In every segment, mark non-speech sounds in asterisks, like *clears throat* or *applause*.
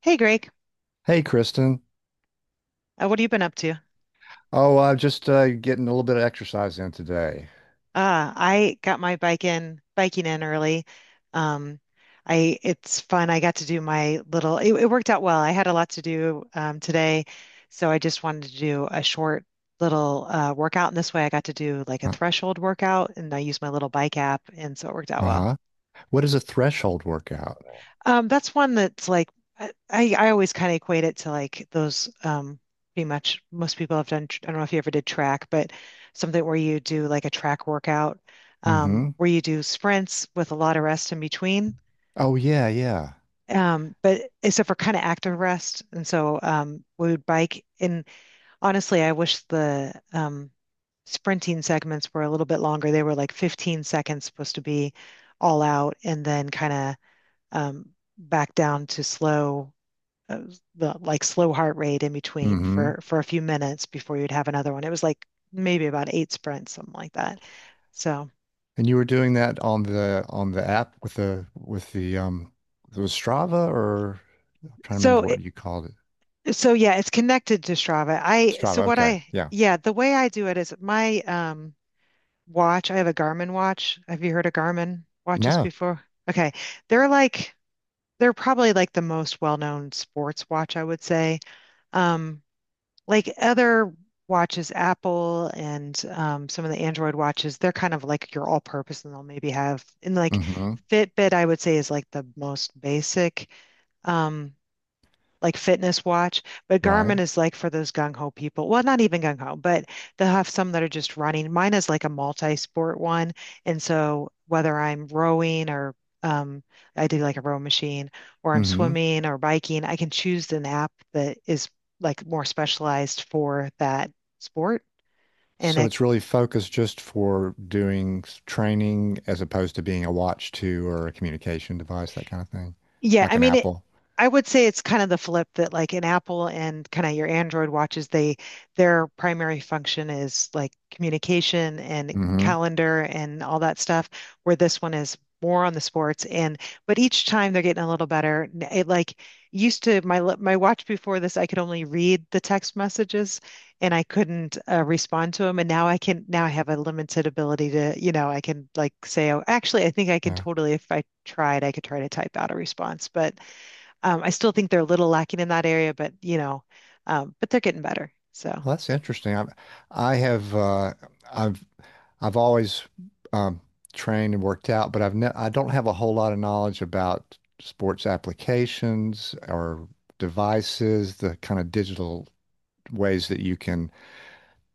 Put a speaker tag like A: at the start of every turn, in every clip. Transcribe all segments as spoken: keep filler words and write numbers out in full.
A: Hey Greg,
B: Hey, Kristen.
A: uh, what have you been up to?
B: Oh, I'm just uh, getting a little bit of exercise in today.
A: Uh, I got my bike in biking in early. Um, I it's fun. I got to do my little. It, it worked out well. I had a lot to do um, today, so I just wanted to do a short little uh, workout. And this way, I got to do like a
B: Uh,
A: threshold workout, and I used my little bike app, and so it worked out well.
B: uh-huh. What is a threshold workout?
A: Um, that's one that's like I, I I always kind of equate it to like those um pretty much most people have done. I don't know if you ever did track, but something where you do like a track workout um
B: Mm-hmm.
A: where you do sprints with a lot of rest in between.
B: Oh yeah, yeah.
A: Um, but except for kind of active rest. And so um we would bike and honestly I wish the um sprinting segments were a little bit longer. They were like fifteen seconds supposed to be all out and then kind of um back down to slow uh, the like slow heart rate in between
B: Mm-hmm.
A: for for a few minutes before you'd have another one. It was like maybe about eight sprints, something like that. So
B: And you were doing that on the on the app with the with the um it was Strava or I'm trying to
A: so
B: remember what
A: it,
B: you called it.
A: so yeah, it's connected to Strava. I so
B: Strava.
A: what
B: Okay.
A: I
B: Yeah.
A: yeah, the way I do it is my um watch, I have a Garmin watch. Have you heard of Garmin watches
B: No.
A: before? Okay. They're like they're probably like the most well-known sports watch, I would say. Um, like other watches, Apple and um, some of the Android watches, they're kind of like your all-purpose, and they'll maybe have and like
B: Mm-hmm.
A: Fitbit, I would say, is like the most basic. Um, like fitness watch, but
B: Right.
A: Garmin is like for those gung ho people. Well, not even gung ho, but they'll have some that are just running. Mine is like a multi-sport one, and so whether I'm rowing or um, I do like a row machine, or I'm
B: Mm-hmm.
A: swimming or biking, I can choose an app that is like more specialized for that sport, and
B: So
A: it
B: it's really focused just for doing s- training as opposed to being a watch to or a communication device, that kind of thing,
A: Yeah,
B: like
A: I
B: an
A: mean it
B: Apple.
A: I would say it's kind of the flip that like in Apple and kind of your Android watches, they their primary function is like communication and
B: Mm-hmm.
A: calendar and all that stuff, where this one is more on the sports and but each time they're getting a little better. N- It like used to my l- my watch before this, I could only read the text messages, and I couldn't uh, respond to him. And now I can, now I have a limited ability to, you know, I can like say, oh, actually, I think I can
B: Yeah.
A: totally, if I tried, I could try to type out a response. But um, I still think they're a little lacking in that area, but, you know, um, but they're getting better. So
B: Well, that's interesting. I, I have uh, I've I've always um, trained and worked out, but I've ne I don't have a whole lot of knowledge about sports applications or devices, the kind of digital ways that you can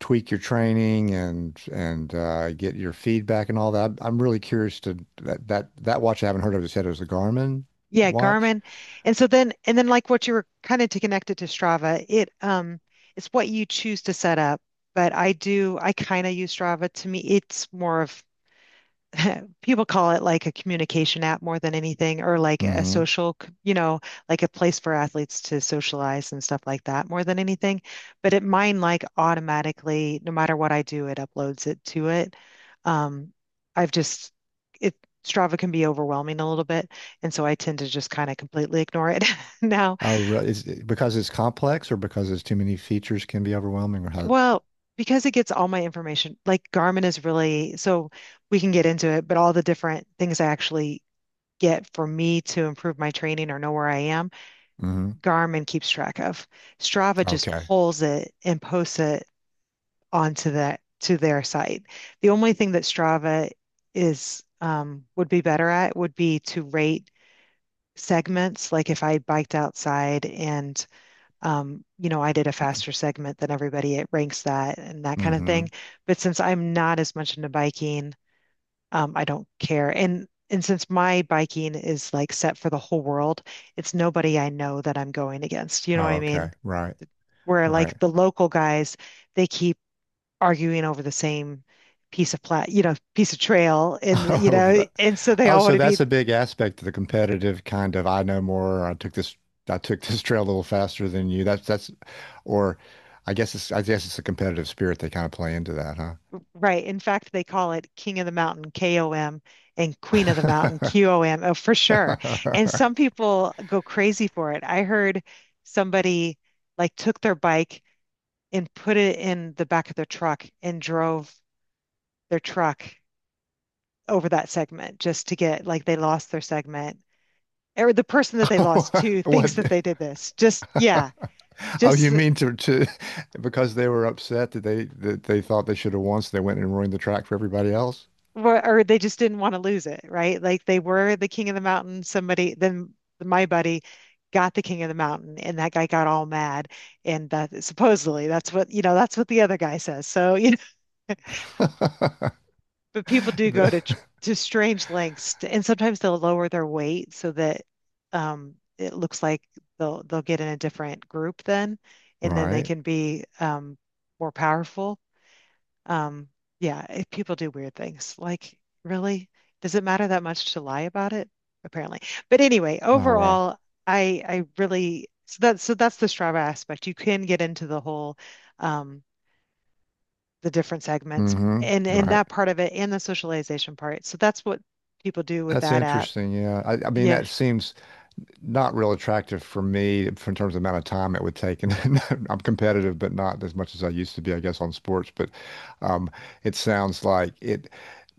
B: tweak your training and and uh, get your feedback and all that. I'm really curious to that that that watch I haven't heard of. You said it was a Garmin
A: yeah,
B: watch.
A: Garmin. And so then, and then like what you were kind of to connect it to Strava, it, um, it's what you choose to set up. But I do, I kind of use Strava. To me, it's more of *laughs* people call it like a communication app more than anything, or like a
B: Hmm.
A: social, c- you know, like a place for athletes to socialize and stuff like that more than anything. But it mine like automatically, no matter what I do, it uploads it to it. Um, I've just it Strava can be overwhelming a little bit, and so I tend to just kind of completely ignore it *laughs* now.
B: Oh, re- is it because it's complex or because there's too many features can be overwhelming or how?
A: Well, because it gets all my information, like Garmin is really so we can get into it, but all the different things I actually get for me to improve my training or know where I am,
B: Hmm.
A: Garmin keeps track of. Strava just
B: Okay.
A: pulls it and posts it onto that to their site. The only thing that Strava is um, would be better at would be to rate segments. Like if I biked outside and um, you know I did a faster segment than everybody, it ranks that and that kind of thing.
B: Hmm.
A: But since I'm not as much into biking um, I don't care. And and since my biking is like set for the whole world, it's nobody I know that I'm going against. You know what
B: Oh,
A: I
B: okay.
A: mean?
B: Right.
A: Where
B: Right.
A: like the local guys, they keep arguing over the same piece of plat, you know, piece of trail,
B: *laughs*
A: and you
B: Oh,
A: know,
B: right.
A: and so they
B: Oh,
A: all want
B: so
A: to be
B: that's a big aspect of the competitive kind of I know more. I took this I took this trail a little faster than you. That's that's or I guess it's I guess it's a competitive spirit they kind of play into that, huh?
A: right. In fact, they call it King of the Mountain, K O M, and Queen of the Mountain, Q O M, oh, for sure. And some
B: *laughs*
A: people go crazy for it. I heard somebody like took their bike and put it in the back of their truck and drove their truck over that segment just to get like they lost their segment or the person that they lost
B: Oh,
A: to
B: *laughs* what?
A: thinks that they did this just yeah
B: Oh,
A: just
B: you mean to to because they were upset that they that they thought they should have won, so they went and ruined the track for everybody else?
A: or they just didn't want to lose it, right, like they were the king of the mountain, somebody then my buddy got the king of the mountain and that guy got all mad and that supposedly that's what, you know, that's what the other guy says so you.
B: *laughs*
A: But people do go
B: The-
A: to tr- to strange lengths, to, and sometimes they'll lower their weight so that um, it looks like they'll they'll get in a different group then, and then they
B: Right.
A: can be um, more powerful. Um, yeah, it, people do weird things. Like, really, does it matter that much to lie about it? Apparently. But anyway,
B: Oh wow.
A: overall, I I really so that so that's the Strava aspect. You can get into the whole. Um, the different segments
B: Hmm.
A: and and
B: Right.
A: that part of it and the socialization part. So that's what people do with
B: That's
A: that app.
B: interesting. Yeah. I, I mean,
A: Yeah.
B: that seems not real attractive for me in terms of the amount of time it would take. And *laughs* I'm competitive, but not as much as I used to be, I guess, on sports. But um, it sounds like it.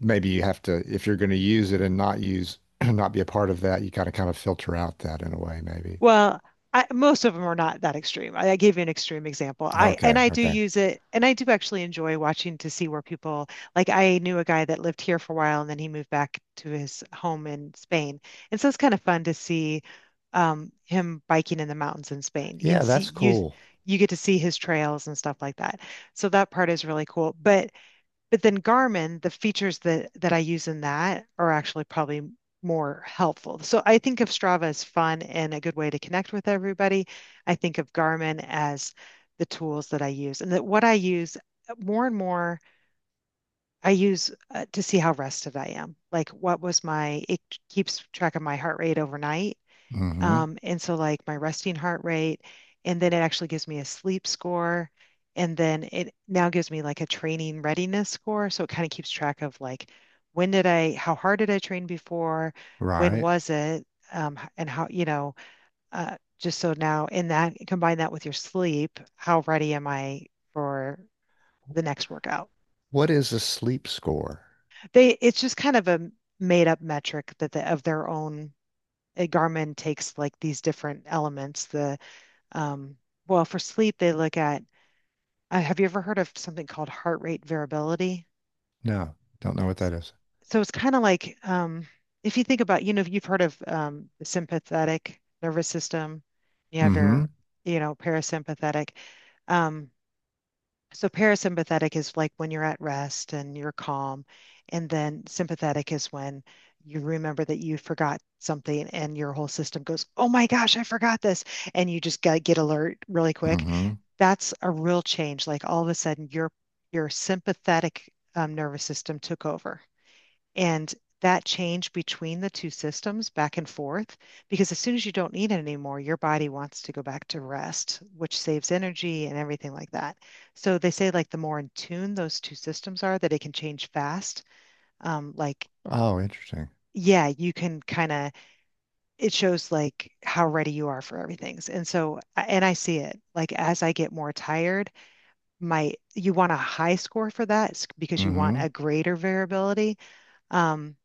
B: Maybe you have to, if you're going to use it and not use, *clears throat* not be a part of that, you got to kind of filter out that in a way, maybe.
A: Well, I, most of them are not that extreme. I, I gave you an extreme example. I and
B: Okay.
A: I do
B: Okay.
A: use it, and I do actually enjoy watching to see where people like. I knew a guy that lived here for a while, and then he moved back to his home in Spain, and so it's kind of fun to see um, him biking in the mountains in Spain, and
B: Yeah,
A: see
B: that's
A: you
B: cool.
A: you get to see his trails and stuff like that. So that part is really cool. But But then Garmin, the features that that I use in that are actually probably more helpful. So I think of Strava as fun and a good way to connect with everybody. I think of Garmin as the tools that I use and that what I use uh, more and more I use uh, to see how rested I am. Like what was my, it keeps track of my heart rate overnight
B: Hmm.
A: um, and so like my resting heart rate, and then it actually gives me a sleep score. And then it now gives me like a training readiness score. So it kind of keeps track of like when did I, how hard did I train before? When
B: Right.
A: was it? Um, and how, you know, uh, just so now in that, combine that with your sleep, how ready am I for the next workout?
B: What is a sleep score?
A: They, it's just kind of a made up metric that the, of their own. uh, Garmin takes like these different elements, the um, well, for sleep, they look at, uh, have you ever heard of something called heart rate variability?
B: No, don't know what
A: S-
B: that is.
A: So it's kind of like um, if you think about, you know, if you've heard of um, the sympathetic nervous system, you have your, you know, parasympathetic. Um, So parasympathetic is like when you're at rest and you're calm, and then sympathetic is when you remember that you forgot something and your whole system goes, "Oh my gosh, I forgot this," and you just got get alert really quick.
B: Mm-hmm.
A: That's a real change. Like all of a sudden, your your sympathetic um, nervous system took over. And that change between the two systems back and forth, because as soon as you don't need it anymore, your body wants to go back to rest, which saves energy and everything like that. So they say like the more in tune those two systems are, that it can change fast. Um, like
B: Oh, interesting.
A: yeah, you can kind of, it shows like how ready you are for everything. And so, and I see it like as I get more tired, my, you want a high score for that because you want
B: Hmm.
A: a greater variability. Um,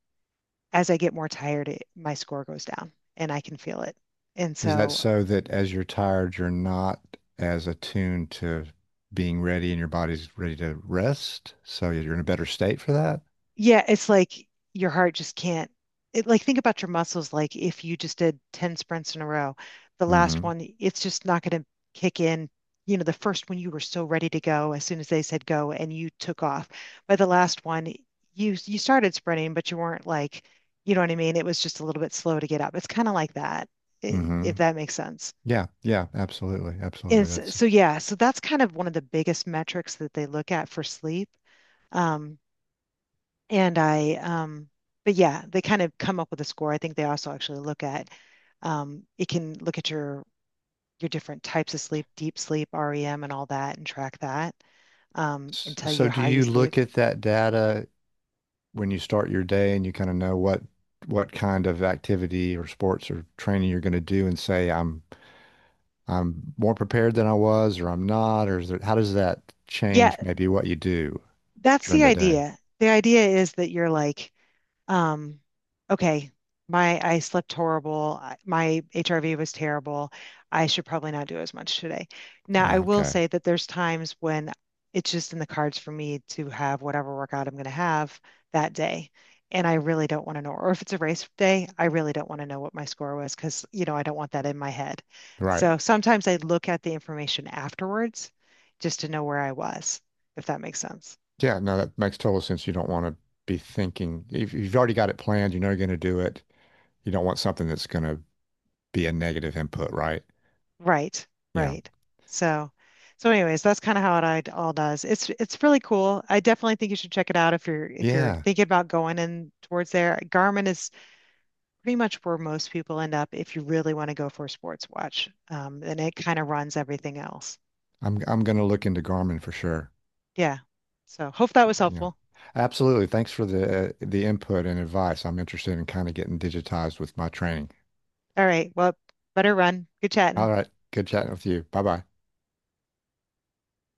A: as I get more tired, it, my score goes down and I can feel it. And
B: Is that
A: so,
B: so that as you're tired, you're not as attuned to being ready and your body's ready to rest? So you're in a better state for that?
A: yeah, it's like your heart just can't. It, like think about your muscles. Like if you just did ten sprints in a row, the last
B: Hmm.
A: one, it's just not going to kick in. You know, the first one you were so ready to go as soon as they said go and you took off. By the last one, you you started sprinting, but you weren't like, you know what I mean? It was just a little bit slow to get up. It's kind of like that,
B: Hmm.
A: if that makes sense.
B: Yeah, yeah, absolutely. Absolutely.
A: And so,
B: That's
A: so yeah, so that's kind of one of the biggest metrics that they look at for sleep. Um, and I, um, but yeah, they kind of come up with a score. I think they also actually look at, um, it can look at your your different types of sleep, deep sleep, REM, and all that, and track that, um, and
B: s-
A: tell you
B: so do
A: how you
B: you
A: sleep.
B: look at that data when you start your day and you kind of know what what kind of activity or sports or training you're going to do and say I'm I'm more prepared than I was or I'm not or is there, how does that
A: Yeah,
B: change maybe what you do
A: that's
B: during
A: the
B: the day?
A: idea. The idea is that you're like Um, okay, my I slept horrible. I- My H R V was terrible. I should probably not do as much today. Now, I
B: Ah,
A: will
B: okay.
A: say that there's times when it's just in the cards for me to have whatever workout I'm going to have that day. And I really don't want to know, or if it's a race day, I really don't want to know what my score was because, you know, I don't want that in my head.
B: Right.
A: So sometimes I look at the information afterwards just to know where I was, if that makes sense.
B: Yeah. No, that makes total sense. You don't want to be thinking if if you've already got it planned, you know you're going to do it. You don't want something that's going to be a negative input, right?
A: Right,
B: Yeah.
A: right. So, so anyways, that's kind of how it all does. It's it's really cool. I definitely think you should check it out if you're if you're
B: Yeah.
A: thinking about going in towards there. Garmin is pretty much where most people end up if you really want to go for a sports watch. Um, and it kind of runs everything else.
B: I'm I'm going to look into Garmin for sure.
A: Yeah. So hope that was
B: Yeah.
A: helpful.
B: Absolutely. Thanks for the uh, the input and advice. I'm interested in kind of getting digitized with my training.
A: All right. Well, better run. Good
B: All
A: chatting.
B: right. Good chatting with you. Bye-bye.